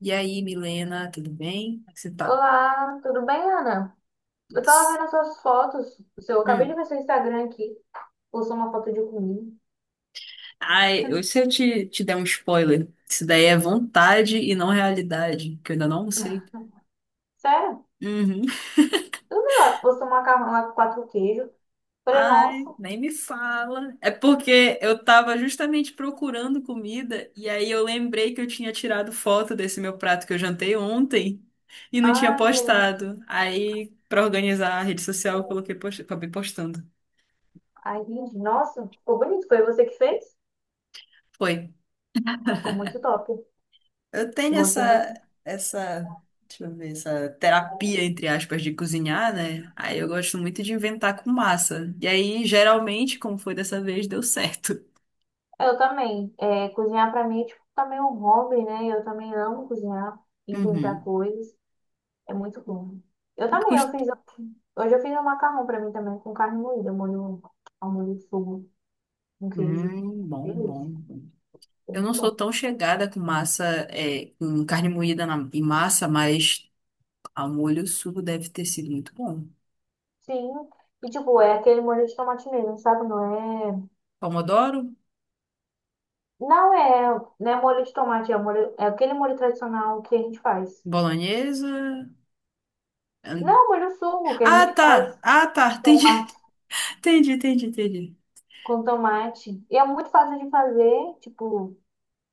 E aí, Milena, tudo bem? Como é que você tá? Olá, tudo bem, Ana? Eu tava Putz. vendo as suas fotos. Eu acabei Hum. de ver seu Instagram aqui. Postou uma foto de comida. Ai, se eu te der um spoiler, isso daí é vontade e não realidade, que eu ainda não sei. Sério? Uhum. Eu vi lá que postou um macarrão lá com quatro queijos. Falei, Ai, nossa. nem me fala. É porque eu tava justamente procurando comida e aí eu lembrei que eu tinha tirado foto desse meu prato que eu jantei ontem e não tinha Ah, que legal. postado. Aí, pra organizar a rede social, acabei postando. Ai, gente, nossa, ficou bonito. Foi você que fez? Foi. Ficou muito top. Eu tenho Gostei bastante. essa, deixa eu ver, essa terapia, entre aspas, de cozinhar, né? Aí eu gosto muito de inventar com massa. E aí, geralmente, como foi dessa vez, deu certo. Eu também. É, cozinhar pra mim é tipo também um hobby, né? Eu também amo cozinhar, inventar Uhum. coisas. É muito bom. Eu E tu também, eu fiz. cust- Hoje eu fiz um macarrão pra mim também com carne moída, molho, ao molho de fogo. Um queijo. Bom, bom, Delícia. bom. Eu Muito não sou bom. tão chegada com massa, com carne moída em massa, mas ao molho o sugo deve ter sido muito bom. Sim. E, tipo, é aquele molho de tomate mesmo, sabe? Não é... Pomodoro, Não é, não é molho de tomate, é, molho... é aquele molho tradicional que a gente faz. bolonhesa. ahn. Não, é molho suco que a Ah, gente tá! faz Ah, tá! Entendi, tomate entendi, entendi, entendi. com tomate. E é muito fácil de fazer, tipo...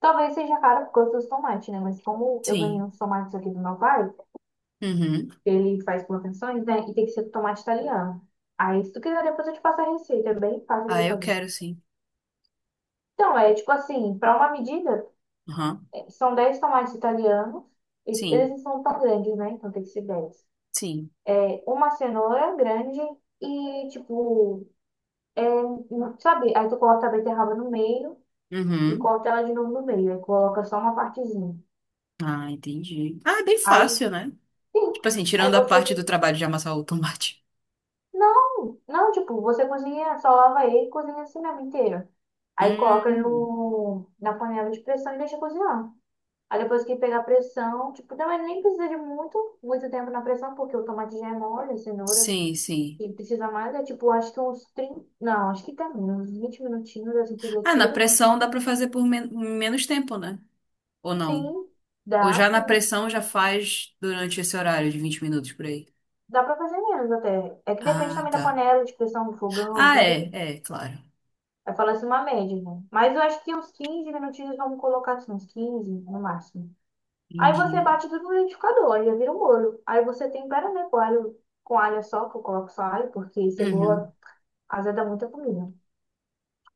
Talvez seja caro por causa dos tomates, né? Mas como eu ganhei Sim. uns tomates aqui do meu pai, Uhum. ele faz plantações, né? E tem que ser tomate italiano. Aí, se tu quiser, depois eu te passo a receita. É bem fácil de Ah, eu eu fazer. quero sim. Então, é tipo assim, para uma medida, Aham. são 10 tomates italianos. E eles Sim, não são tão grandes, né? Então tem que ser 10. sim. É, uma cenoura grande e, tipo, sabe? Aí tu corta a beterraba no meio e Uhum. corta ela de novo no meio. Aí coloca só uma partezinha. Ah, entendi. Ah, é bem Aí, fácil, né? sim. Tipo assim, Aí tirando a você. parte do trabalho de amassar o tomate. Não, não, tipo, você cozinha, só lava ele e cozinha assim mesmo inteiro. Aí coloca Hum. no, na panela de pressão e deixa cozinhar. Aí depois que pegar a pressão, tipo, também nem precisa de muito, muito tempo na pressão, porque o tomate já é mole, a cenoura. Sim, sim. E precisa mais, é tipo, acho que uns 30. Não, acho que dá menos, uns 20 minutinhos assim tu já Ah, na tira. pressão dá pra fazer por menos tempo, né? Ou não? Sim, Ou já na sim. pressão já faz durante esse horário de 20 minutos por aí. Dá pra fazer menos até. É que depende Ah, também da tá. panela, de pressão do fogão, Ah, depende. é, é, claro. Eu falo assim uma média, né? Mas eu acho que uns 15 minutinhos vamos colocar assim, uns 15 no máximo. Aí você Entendi. bate tudo no liquidificador, aí já vira um molho. Aí você tempera, né, com alho só, que eu coloco só alho, porque cebola Uhum. azeda muita comida.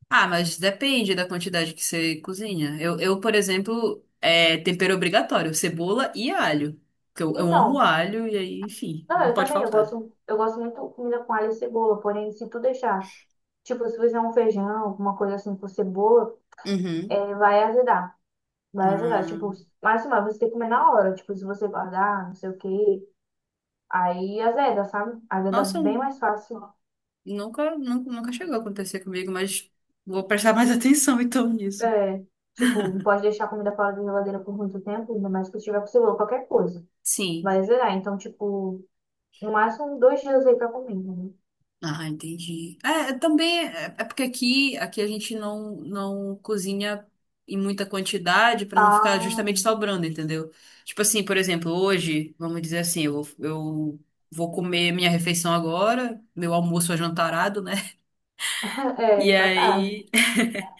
Ah, mas depende da quantidade que você cozinha. Eu, por exemplo, é tempero obrigatório, cebola e alho. Porque eu amo Então, alho e aí, enfim, não, não eu pode também, eu faltar. gosto, eu gosto muito de comida com alho e cebola, porém, se tu deixar. Tipo, se fizer um feijão, alguma coisa assim com cebola, Uhum. é, vai ajudar. Vai ajudar. Tipo, Ah, mas assim, mas você tem que comer na hora. Tipo, se você guardar, não sei o quê. Aí azeda, sabe? Azeda nossa, bem mais fácil. nunca, nunca, nunca chegou a acontecer comigo, mas vou prestar mais atenção então nisso. É, tipo, não pode deixar a comida fora da geladeira por muito tempo, ainda mais que tiver com cebola, qualquer coisa. Sim. Vai azedar. Então, tipo, no máximo 2 dias aí pra comer. Né? Ah, entendi. É, também é porque aqui a gente não cozinha em muita quantidade para não ficar Ah, justamente sobrando, entendeu? Tipo assim, por exemplo, hoje, vamos dizer assim, eu vou comer minha refeição agora, meu almoço ajantarado, né? E é, só tarde. aí,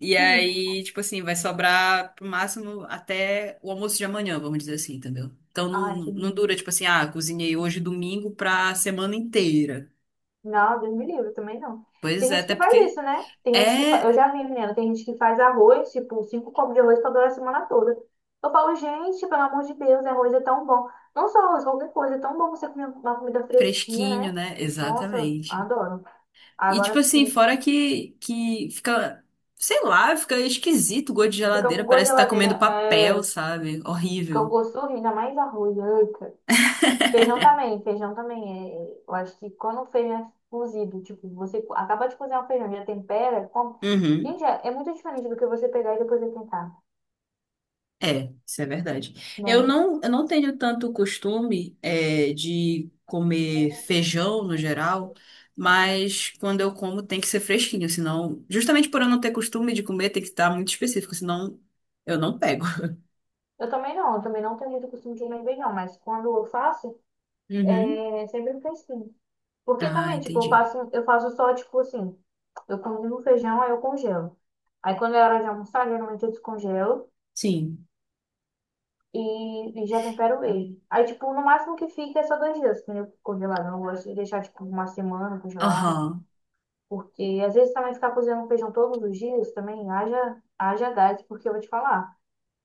e aí, tipo assim, vai sobrar pro máximo até o almoço de amanhã, vamos dizer assim, entendeu? Então Ah, não entendi. dura, tipo assim, ah, cozinhei hoje domingo pra semana inteira. Não, Deus me livre, também não. Pois Tem é, gente até que faz porque isso, né? Tem gente que fa... Eu é. já vi, menina, tem gente que faz arroz, tipo, 5 copos de arroz pra durar a semana toda. Eu falo, gente, pelo amor de Deus, arroz é tão bom. Não só arroz, qualquer coisa, é tão bom você comer uma comida fresquinha, Fresquinho, né? né? Nossa, Exatamente. adoro. E tipo Agora assim, sim, fora que fica, sei lá, fica esquisito o gosto de fica geladeira, com gosto de parece que tá geladeira, comendo papel, é, sabe? fica com Horrível. gosto de sorriso, ainda mais arroz. Eita. Feijão também, feijão também. É, eu acho que quando o feijão é cozido, tipo, você acaba de cozinhar o feijão, já tempera, come. Uhum. Gente, é, é muito diferente do que você pegar e depois esquentar, É, isso é verdade. Eu né? não, eu não tenho tanto costume, é, de comer feijão no geral, mas quando eu como tem que ser fresquinho, senão, justamente por eu não ter costume de comer, tem que estar muito específico, senão eu não pego. Eu também não tenho muito costume de comer feijão, mas quando eu faço, Uhum. é é sempre fresquinho. Porque Ah, também, tipo, eu entendi. faço, eu faço só, tipo assim, eu cozinho o feijão, aí eu congelo. Aí quando é hora de almoçar, geralmente eu descongelo. Sim. E, e já tempero ele. Aí, tipo, no máximo que fica é só 2 dias, entendeu? Congelado. Eu não gosto de deixar, tipo, uma semana congelado. Aham. Porque às vezes também ficar cozinhando feijão todos os dias também haja, haja gás, porque eu vou te falar,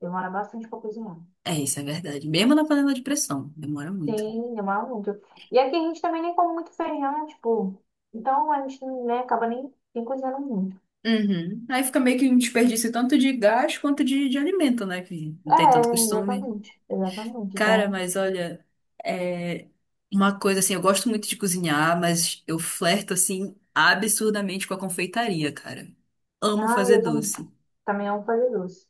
demora bastante pra cozinhar. É, isso é verdade. Mesmo na panela de pressão, demora muito. Sim, demora muito. E aqui a gente também nem come muito feijão, tipo, então a gente, né, acaba nem cozinhando muito. Uhum. Aí fica meio que um desperdício tanto de gás quanto de alimento, né? Que não É, tem tanto costume. exatamente, exatamente. Cara, Então, mas olha, é uma coisa assim, eu gosto muito de cozinhar, mas eu flerto assim absurdamente com a confeitaria, cara. Amo ah, fazer eu também, doce. também amo fazer doce.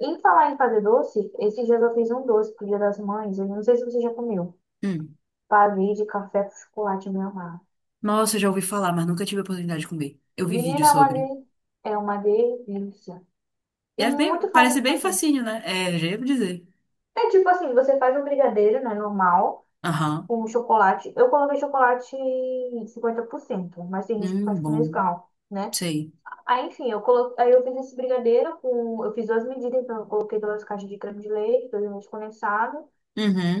Em falar em fazer doce, esses dias eu fiz um doce pro Dia das Mães. Eu não sei se você já comeu. Hum. Pavê de café com chocolate meu amado. Nossa, eu já ouvi falar, mas nunca tive a oportunidade de comer. Eu vi vídeo Menina, é uma, sobre. de... é uma delícia. E É bem, muito fácil parece de bem fazer. facinho, né? É, já ia dizer. É tipo assim, você faz um brigadeiro, né, normal, Aham. com chocolate. Eu coloquei chocolate 50%, mas tem gente que faz com Bom. Nescau, né? Sei. Aí, enfim, eu colo... aí eu fiz esse brigadeiro com... Eu fiz duas medidas, então eu coloquei duas caixas de creme de leite, dois leite condensado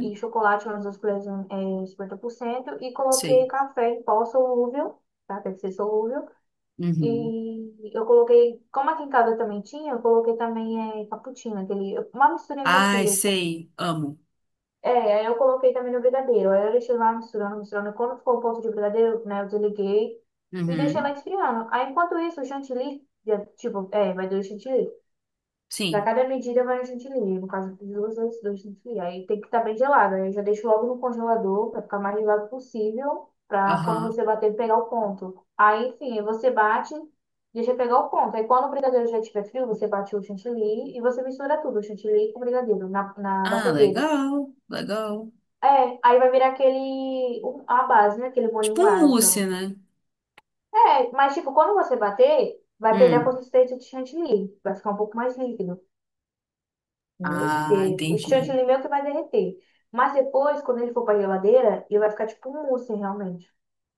e chocolate, umas 2 colheres em 50% e coloquei Sei. café em pó solúvel, tá? Tem que ser solúvel. Uhum. E eu coloquei, como aqui em casa também tinha, eu coloquei também é, cappuccino, aquele, uma misturinha com Ai, sei, amo. é, aí eu coloquei também no brigadeiro. Aí eu deixei lá misturando, misturando. Quando ficou o ponto de brigadeiro, né, eu desliguei e deixei lá Uhum. esfriando. Aí enquanto isso, o chantilly, já, tipo, é, vai do chantilly. Pra Sim, cada medida vai um chantilly. No caso, eu fiz duas dois dois chantilly. Aí tem que estar bem gelado. Aí eu já deixo logo no congelador pra ficar mais gelado possível. Pra quando aham. você bater, pegar o ponto. Aí, enfim, você bate, deixa pegar o ponto. Aí quando o brigadeiro já estiver frio, você bate o chantilly e você mistura tudo, o chantilly com o brigadeiro, na Ah, batedeira. legal, legal. É, aí vai virar aquele, a base, né? Aquele molhinho Tipo um base. Mousse, né? É, mas tipo, quando você bater, vai perder a Hum. consistência de chantilly. Vai ficar um pouco mais líquido. Meu Ah, Deus. O chão de entendi, alimento vai derreter. Mas depois, quando ele for pra geladeira, ele vai ficar tipo um mousse, realmente.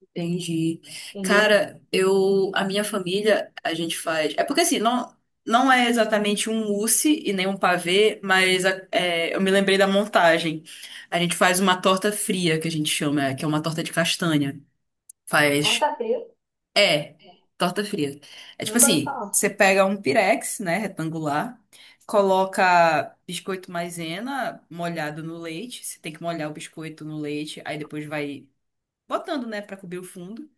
entendi. Entendeu? Cara, eu, a minha família, a gente faz. É porque assim, não é exatamente um mousse e nem um pavê, mas é, eu me lembrei da montagem. A gente faz uma torta fria, que a gente chama, que é uma torta de castanha. Faz Horta frio. É, torta fria. É tipo Nunca ouvi assim, falar. você pega um pirex, né, retangular, coloca biscoito maisena molhado no leite, você tem que molhar o biscoito no leite, aí depois vai botando, né, pra cobrir o fundo.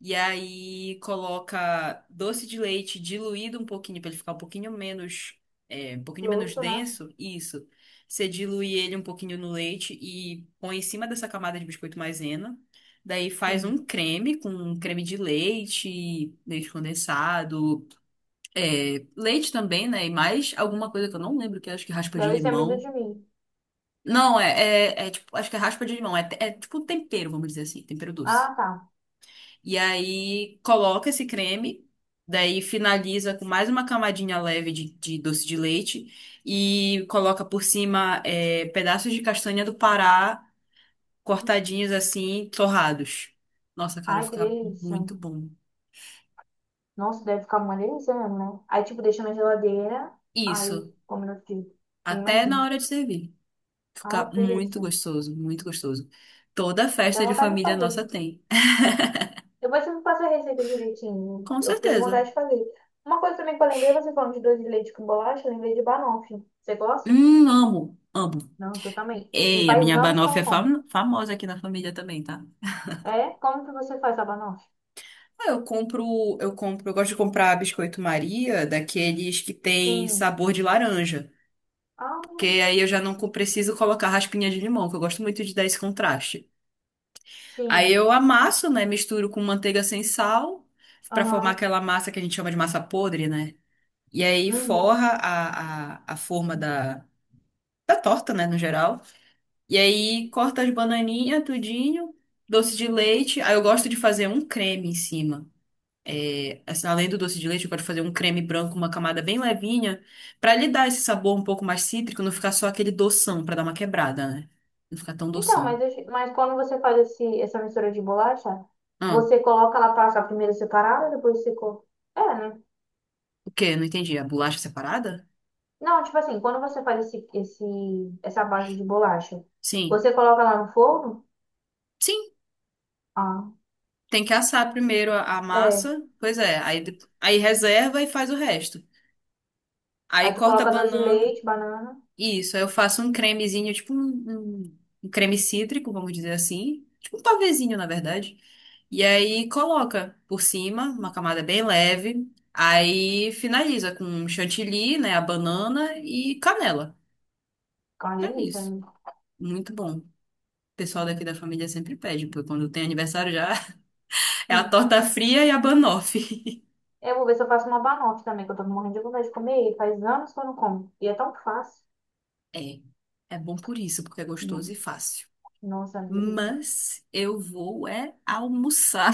E aí coloca doce de leite diluído um pouquinho para ele ficar um pouquinho menos Louço, né? denso. Isso. Você dilui ele um pouquinho no leite e põe em cima dessa camada de biscoito maisena. Daí faz um Sim. creme com um creme de leite, leite condensado, leite também, né? E mais alguma coisa que eu não lembro, que eu acho que é raspa de Deve ser amido limão. de mim. Não, é tipo, acho que é raspa de limão, é tipo tempero, vamos dizer assim, tempero doce. Ah, tá. E aí coloca esse creme, daí finaliza com mais uma camadinha leve de doce de leite e coloca por cima pedaços de castanha do Pará Uhum. cortadinhos assim, torrados. Nossa, cara, Ai, que fica delícia. muito bom. Nossa, deve ficar uma delícia mesmo, né? Aí, tipo, deixa na geladeira. Isso, Aí, como eu fiz. Eu até na imagino. hora de servir. Ai, Fica que muito delícia. gostoso, muito gostoso. Toda Dá festa de vontade de família fazer. nossa tem. Depois você me passa a receita direitinho. Com Eu fiquei com certeza. vontade de fazer. Uma coisa também que eu lembrei, você falando de doce de leite com bolacha, eu lembrei de banoffee. Você gosta? Amo, amo. Não, eu também. E Ei, a faz minha anos que eu banoffee não é como. Famosa aqui na família também, tá? É? Como que você faz a banoffee? Ah, eu compro, eu gosto de comprar biscoito Maria, daqueles que tem Sim. sabor de laranja, Ah, porque aí eu já não preciso colocar raspinha de limão, que eu gosto muito de dar esse contraste. Aí sim. eu amasso, né, misturo com manteiga sem sal, pra formar Aham. aquela massa que a gente chama de massa podre, né? E aí Uhum. forra a forma da torta, né, no geral. E aí corta as bananinhas, tudinho, doce de leite. Aí eu gosto de fazer um creme em cima, assim, além do doce de leite, eu quero fazer um creme branco, uma camada bem levinha, pra lhe dar esse sabor um pouco mais cítrico, não ficar só aquele doção, pra dar uma quebrada, né? Não ficar tão Então, mas, doção. Mas quando você faz essa mistura de bolacha, Ah, você coloca ela passa primeiro separada, depois você... é, né? o quê? Não entendi. A bolacha separada? Não, tipo assim, quando você faz essa base de bolacha, Sim. você coloca ela no forno? Sim, Ah. tem que assar primeiro a É. massa. Pois é, aí reserva e faz o resto. Aí Aí tu corta a coloca doce de banana. leite, banana. Isso, aí eu faço um cremezinho, tipo um creme cítrico, vamos dizer assim. Tipo um pavezinho, na verdade. E aí coloca por cima, uma camada bem leve. Aí finaliza com um chantilly, né? A banana e canela. Fica uma É delícia, isso. né? Muito bom. O pessoal daqui da família sempre pede, porque quando tem aniversário já é a Hum. torta fria e a banoffee. Eu vou ver se eu faço uma banoffee também, que eu tô morrendo de vontade de comer. E faz anos que eu não como. E é tão fácil. É, é bom por isso, porque é gostoso e Hum. fácil. Nossa, uma delícia. Mas eu vou é almoçar.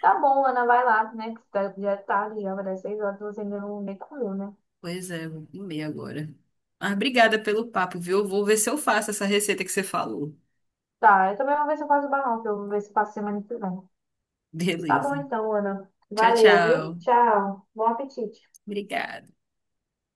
Tá bom, Ana, vai lá, né? Que já é tarde, já vai dar 6 horas, você ainda não nem comeu, né? Pois é, vou comer agora. Mas obrigada pelo papo, viu? Eu vou ver se eu faço essa receita que você falou. Tá, eu também vou ver se eu faço banoffee. Eu vou ver se faço semana que vem. Tá bom Beleza. então, Ana. Tchau, Valeu, viu? tchau. Tchau. Bom apetite. Obrigada.